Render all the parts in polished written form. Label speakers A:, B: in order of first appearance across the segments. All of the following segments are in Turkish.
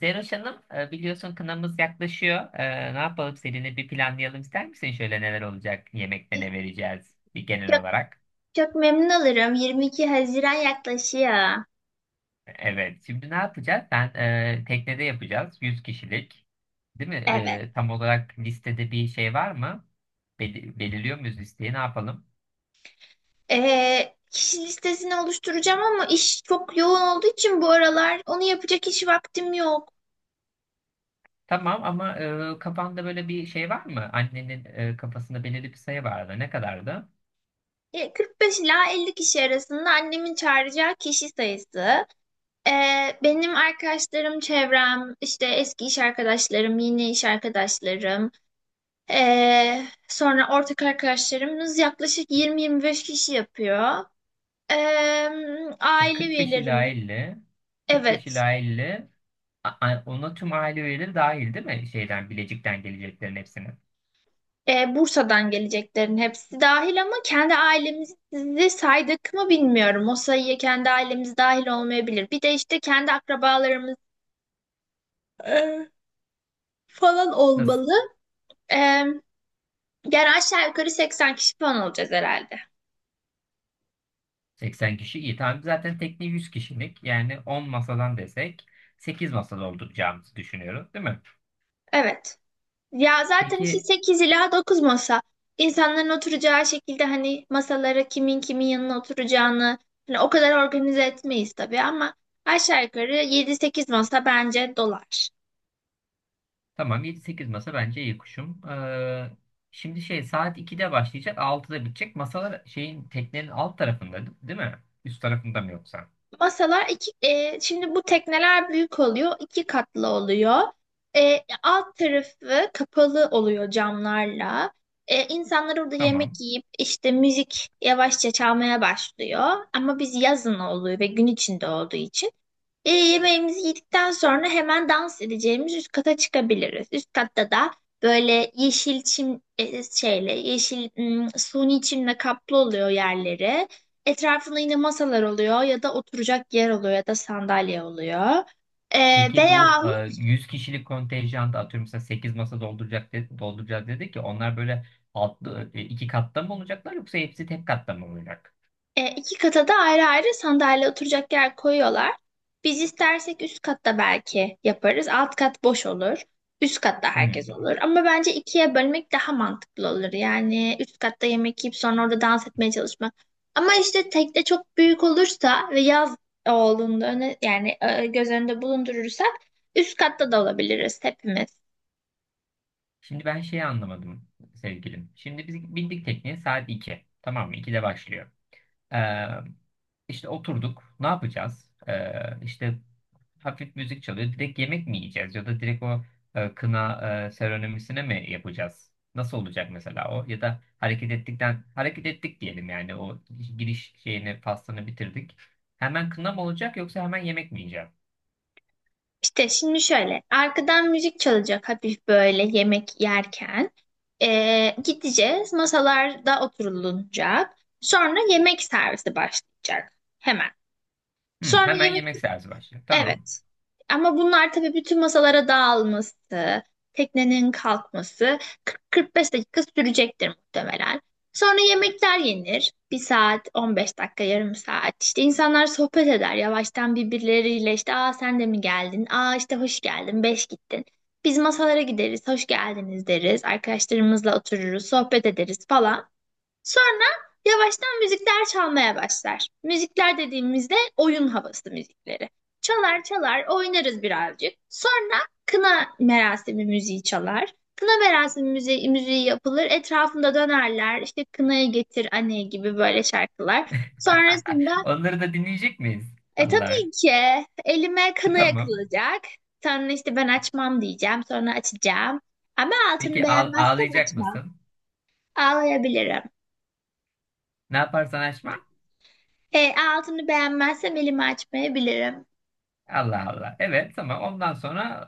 A: Zeroş Hanım, biliyorsun kınamız yaklaşıyor. Ne yapalım, seninle bir planlayalım ister misin? Şöyle, neler olacak? Yemekte ne
B: Çok,
A: vereceğiz? Bir genel olarak.
B: çok memnun olurum. 22 Haziran yaklaşıyor.
A: Evet. Şimdi ne yapacağız? Ben teknede yapacağız. Yüz kişilik. Değil mi?
B: Evet.
A: Tam olarak listede bir şey var mı? Belirliyor muyuz listeyi? Ne yapalım?
B: Kişi listesini oluşturacağım ama iş çok yoğun olduğu için bu aralar onu yapacak hiç vaktim yok.
A: Tamam ama kafanda böyle bir şey var mı? Annenin kafasında belirli bir sayı vardı. Ne kadardı?
B: 45 ila 50 kişi arasında annemin çağıracağı kişi sayısı. Benim arkadaşlarım, çevrem, işte eski iş arkadaşlarım, yeni iş arkadaşlarım, sonra ortak arkadaşlarımız yaklaşık 20-25 kişi yapıyor. Ee, Aile
A: 45 ila
B: üyelerim.
A: 50. 45
B: Evet.
A: ila 50. Ona tüm aile üyeleri dahil değil mi? Şeyden, Bilecik'ten geleceklerin hepsini.
B: Bursa'dan geleceklerin hepsi dahil ama kendi ailemizi saydık mı bilmiyorum. O sayıya kendi ailemiz dahil olmayabilir. Bir de işte kendi akrabalarımız e, falan
A: Nasıl?
B: olmalı. E, Yani aşağı yukarı 80 kişi falan olacağız herhalde.
A: 80 kişi iyi. Tamam, zaten tekne 100 kişilik. Yani 10 masadan desek, 8 masada olacağımızı düşünüyoruz değil mi?
B: Evet. Ya zaten
A: Peki
B: işte 8 ila 9 masa. İnsanların oturacağı şekilde hani masalara kimin kimin yanına oturacağını hani o kadar organize etmeyiz tabii ama aşağı yukarı 7-8 masa bence dolar.
A: tamam, 7-8 masa bence iyi kuşum. Şimdi şey, saat 2'de başlayacak, 6'da bitecek. Masalar şeyin, teknenin alt tarafında değil mi? Üst tarafında mı yoksa?
B: Masalar iki, şimdi bu tekneler büyük oluyor, iki katlı oluyor. Alt tarafı kapalı oluyor camlarla. İnsanlar orada yemek
A: Tamam.
B: yiyip işte müzik yavaşça çalmaya başlıyor. Ama biz yazın oluyor ve gün içinde olduğu için. Yemeğimizi yedikten sonra hemen dans edeceğimiz üst kata çıkabiliriz. Üst katta da böyle yeşil çim şeyle yeşil suni çimle kaplı oluyor yerleri. Etrafında yine masalar oluyor ya da oturacak yer oluyor ya da sandalye oluyor. E,
A: Peki bu
B: Veya
A: 100 kişilik kontenjanda, atıyorum mesela 8 masa dolduracak de, dolduracağız dedi ki onlar böyle altlı, iki katta mı olacaklar yoksa hepsi tek katta mı olacak?
B: İki kata da ayrı ayrı sandalye oturacak yer koyuyorlar. Biz istersek üst katta belki yaparız. Alt kat boş olur. Üst katta herkes
A: Hmm.
B: olur. Ama bence ikiye bölmek daha mantıklı olur. Yani üst katta yemek yiyip sonra orada dans etmeye çalışmak. Ama işte tekne çok büyük olursa ve yaz olduğunda öne, yani göz önünde bulundurursak üst katta da olabiliriz hepimiz.
A: Şimdi ben şeyi anlamadım sevgilim. Şimdi biz bindik tekneye saat 2. Tamam mı? 2'de başlıyor. Ee, işte oturduk. Ne yapacağız? İşte hafif müzik çalıyor. Direkt yemek mi yiyeceğiz ya da direkt o kına seremonisine mi yapacağız? Nasıl olacak mesela o? Ya da hareket ettikten, hareket ettik diyelim, yani o giriş şeyini, pastanı bitirdik. Hemen kına mı olacak yoksa hemen yemek mi yiyeceğim?
B: İşte şimdi şöyle arkadan müzik çalacak hafif böyle yemek yerken. Gideceğiz masalarda oturulacak sonra yemek servisi başlayacak hemen
A: Hı,
B: sonra
A: hemen
B: yemek.
A: yemek servis başlıyor. Tamam.
B: Evet. Ama bunlar tabii bütün masalara dağılması, teknenin kalkması 40-45 dakika sürecektir muhtemelen. Sonra yemekler yenir. Bir saat, 15 dakika, yarım saat. İşte insanlar sohbet eder yavaştan birbirleriyle. İşte aa sen de mi geldin? Aa işte hoş geldin, beş gittin. Biz masalara gideriz, hoş geldiniz deriz. Arkadaşlarımızla otururuz, sohbet ederiz falan. Sonra yavaştan müzikler çalmaya başlar. Müzikler dediğimizde oyun havası müzikleri. Çalar çalar oynarız birazcık. Sonra kına merasimi müziği çalar. Kına merasimi müziği yapılır. Etrafında dönerler. İşte kınayı getir anne gibi böyle şarkılar. Sonrasında
A: Onları da dinleyecek miyiz?
B: e
A: Allah.
B: tabii ki elime kına
A: Tamam.
B: yakılacak. Sonra işte ben açmam diyeceğim. Sonra açacağım. Ama altını
A: Peki
B: beğenmezsem
A: ağlayacak
B: açmam.
A: mısın?
B: Ağlayabilirim.
A: Ne yaparsan aşma.
B: Altını beğenmezsem elimi açmayabilirim.
A: Allah Allah. Evet, tamam. Ondan sonra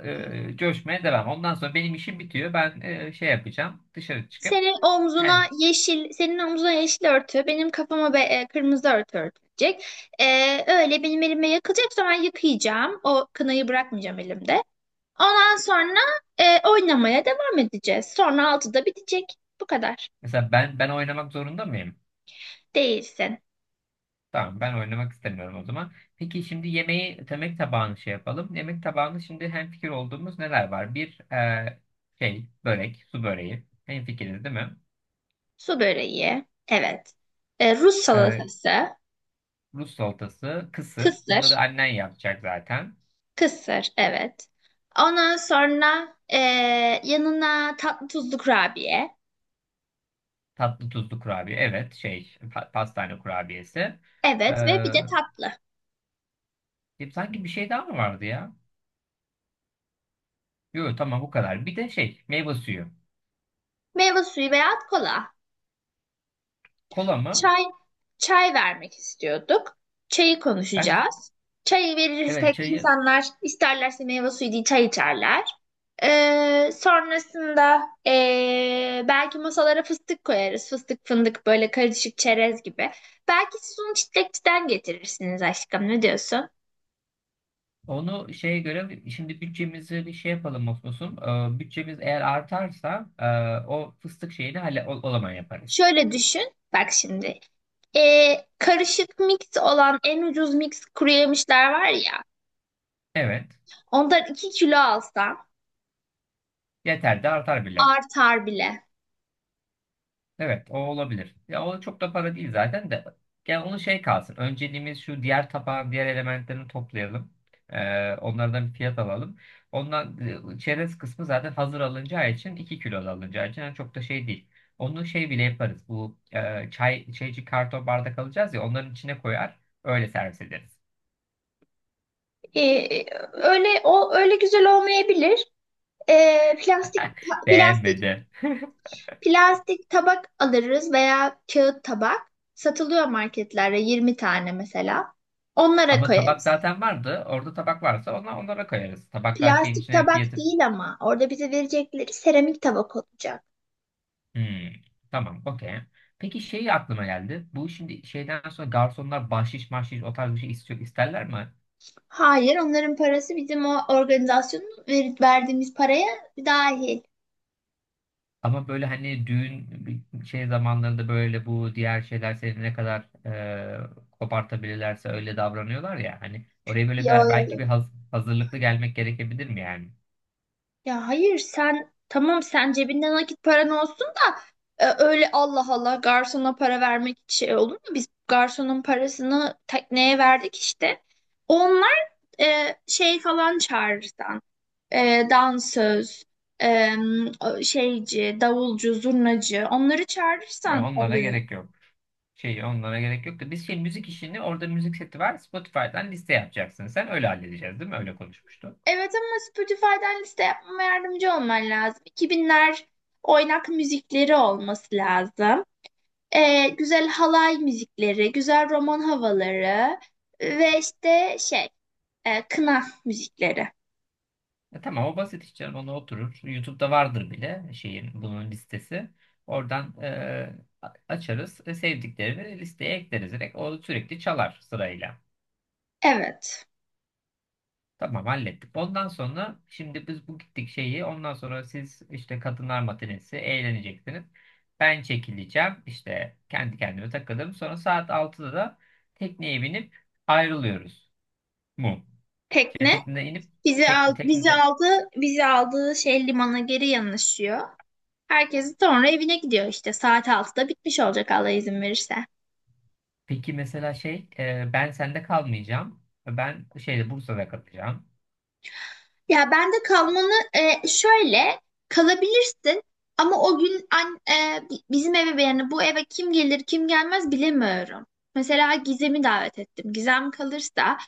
A: coşmaya devam. Ondan sonra benim işim bitiyor. Ben şey yapacağım. Dışarı çıkıp
B: Senin omzuna
A: yani.
B: yeşil, senin omzuna yeşil örtü, benim kafama be, kırmızı örtü örtülecek. E, Öyle benim elime yakılacaksa ben yıkayacağım. O kınayı bırakmayacağım elimde. Ondan sonra oynamaya devam edeceğiz. Sonra altıda bitecek. Bu kadar.
A: Mesela ben oynamak zorunda mıyım?
B: Değilsin.
A: Tamam, ben oynamak istemiyorum o zaman. Peki şimdi yemeği, yemek tabağını şey yapalım. Yemek tabağını şimdi hemfikir olduğumuz neler var? Bir şey börek, su böreği. Hemfikiriz değil mi?
B: Su böreği. Evet. Rus
A: E,
B: salatası.
A: Rus salatası, kısır. Bunları
B: Kısır.
A: annen yapacak zaten.
B: Kısır. Evet. Ondan sonra yanına tatlı tuzlu kurabiye.
A: Tatlı tuzlu kurabiye. Evet, şey pastane kurabiyesi. E,
B: Evet ve bir de tatlı.
A: Sanki bir şey daha mı vardı ya? Yok tamam, bu kadar. Bir de şey, meyve suyu.
B: Meyve suyu veya kola.
A: Kola mı?
B: Çay, çay vermek istiyorduk. Çayı
A: Bence
B: konuşacağız. Çayı
A: evet,
B: verirsek
A: çayı.
B: insanlar isterlerse meyve suyu değil çay içerler. Sonrasında belki masalara fıstık koyarız. Fıstık fındık böyle karışık çerez gibi. Belki siz onu çitlekçiden getirirsiniz aşkım ne diyorsun?
A: Onu şeye göre, şimdi bütçemizi bir şey yapalım Osmos'um. Bütçemiz eğer artarsa o fıstık şeyini hala o zaman yaparız.
B: Şöyle düşün. Bak şimdi. Karışık mix olan en ucuz mix kuru yemişler var ya.
A: Evet.
B: Ondan 2 kilo alsam
A: Yeter de artar bile.
B: artar bile.
A: Evet, o olabilir. Ya o çok da para değil zaten de. Yani onu şey kalsın. Önceliğimiz şu: diğer tabağın diğer elementlerini toplayalım. Onlardan bir fiyat alalım. Ondan çerez kısmı zaten hazır alınacağı için, 2 kilo da alınacağı için yani çok da şey değil. Onu şey bile yaparız. Bu çay şeyci, karton bardak alacağız ya, onların içine koyar, öyle servis ederiz.
B: Ee, Öyle o öyle güzel olmayabilir. Ee, plastik
A: Beğenmedi.
B: plastik tabak alırız veya kağıt tabak. Satılıyor marketlerde 20 tane mesela. Onlara
A: Ama tabak
B: koyarız.
A: zaten vardı. Orada tabak varsa ona, onlara koyarız. Tabaklar şeyin
B: Plastik
A: içine
B: tabak
A: fiyatı.
B: değil ama orada bize verecekleri seramik tabak olacak.
A: Hmm, tamam, okey. Peki şey aklıma geldi. Bu şimdi şeyden sonra garsonlar bahşiş mahşiş o tarz bir şey istiyor, isterler mi?
B: Hayır, onların parası bizim o organizasyonun verdiğimiz paraya dahil.
A: Ama böyle hani düğün, bir şey zamanlarında böyle bu diğer şeyler seni ne kadar kopartabilirlerse öyle davranıyorlar ya. Hani oraya böyle bir,
B: Yo,
A: belki bir
B: yo,
A: hazırlıklı gelmek gerekebilir mi yani?
B: Ya hayır sen tamam sen cebinde nakit paran olsun da öyle Allah Allah garsona para vermek şey olur mu? Biz garsonun parasını tekneye verdik işte. Onlar şey falan çağırırsan, dansöz, e, şeyci, davulcu, zurnacı onları
A: E,
B: çağırırsan
A: onlara
B: oluyor.
A: gerek yok. Şey, onlara gerek yok da biz şey müzik işini, orada müzik seti var, Spotify'dan liste yapacaksın sen, öyle halledeceğiz değil mi? Öyle konuşmuştuk.
B: Evet ama Spotify'dan liste yapmama yardımcı olman lazım. 2000'ler oynak müzikleri olması lazım. Güzel halay müzikleri, güzel roman havaları ve işte kına müzikleri.
A: E tamam, o basit hiç canım, ona oturur. YouTube'da vardır bile şeyin bunun listesi. Oradan açarız. E, sevdiklerini listeye ekleriz. Direkt o sürekli çalar sırayla.
B: Evet.
A: Tamam, hallettik. Ondan sonra şimdi biz bu gittik şeyi, ondan sonra siz işte kadınlar matinesi eğleneceksiniz. Ben çekileceğim. İşte kendi kendime takılırım. Sonra saat 6'da da tekneye binip ayrılıyoruz. Mu. Şey,
B: Tekne
A: tekneden inip, tekne.
B: bizi aldığı şey limana geri yanaşıyor. Herkes sonra evine gidiyor işte saat altıda bitmiş olacak Allah izin verirse.
A: Peki mesela şey, ben sende kalmayacağım. Ben şeyde, Bursa'da kalacağım.
B: Ya ben de kalmanı şöyle kalabilirsin ama o gün an, bizim eve yani bu eve kim gelir kim gelmez bilemiyorum. Mesela Gizem'i davet ettim. Gizem kalırsa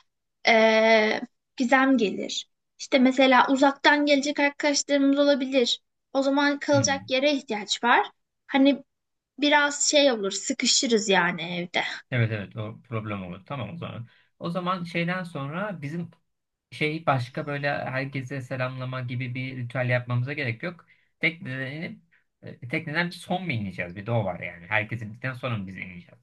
B: e, Gizem gelir. İşte mesela uzaktan gelecek arkadaşlarımız olabilir. O zaman kalacak
A: Hmm.
B: yere ihtiyaç var. Hani biraz şey olur sıkışırız yani evde.
A: Evet evet, o problem olur. Tamam o zaman. O zaman şeyden sonra bizim şey, başka böyle herkese selamlama gibi bir ritüel yapmamıza gerek yok. Tekneden inip tekneden son mu ineceğiz? Bir de o var yani. Herkes indikten sonra mı biz ineceğiz?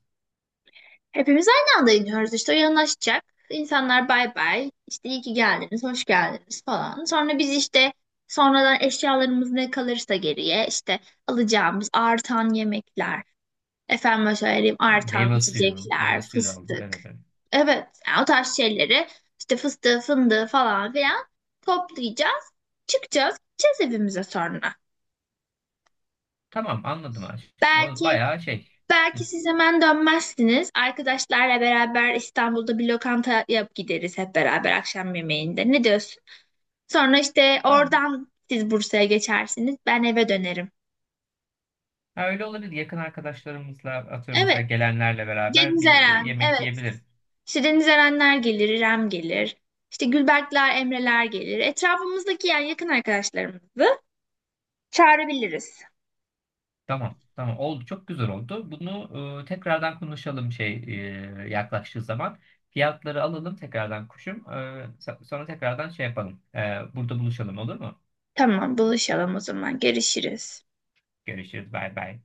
B: Hepimiz aynı anda iniyoruz işte o yanaşacak. İnsanlar bay bay işte iyi ki geldiniz, hoş geldiniz falan. Sonra biz işte sonradan eşyalarımız ne kalırsa geriye işte alacağımız artan yemekler, efendim söyleyeyim
A: E,
B: artan
A: meyve suyu.
B: içecekler,
A: Meyve suyu da alıyor.
B: fıstık.
A: Evet, evet.
B: Evet yani o tarz şeyleri işte fıstığı, fındığı falan filan toplayacağız. Çıkacağız, gideceğiz evimize sonra.
A: Tamam anladım aşkım. O
B: Belki
A: bayağı şey. Hı.
B: Belki siz hemen dönmezsiniz. Arkadaşlarla beraber İstanbul'da bir lokanta yap gideriz hep beraber akşam yemeğinde. Ne diyorsun? Sonra işte
A: Ha,
B: oradan siz Bursa'ya geçersiniz. Ben eve dönerim.
A: ha, öyle olabilir. Yakın arkadaşlarımızla atıyorum mesela
B: Evet.
A: gelenlerle beraber
B: Deniz
A: bir
B: Eren.
A: yemek
B: Evet.
A: yiyebiliriz.
B: İşte Deniz Erenler gelir, İrem gelir. İşte Gülberkler, Emreler gelir. Etrafımızdaki yani yakın arkadaşlarımızı çağırabiliriz.
A: Tamam. Tamam oldu. Çok güzel oldu. Bunu tekrardan konuşalım şey yaklaştığı zaman. Fiyatları alalım tekrardan kuşum. E, sonra tekrardan şey yapalım. E, burada buluşalım olur mu?
B: Tamam, buluşalım o zaman. Görüşürüz.
A: Görüşürüz. Bay bay.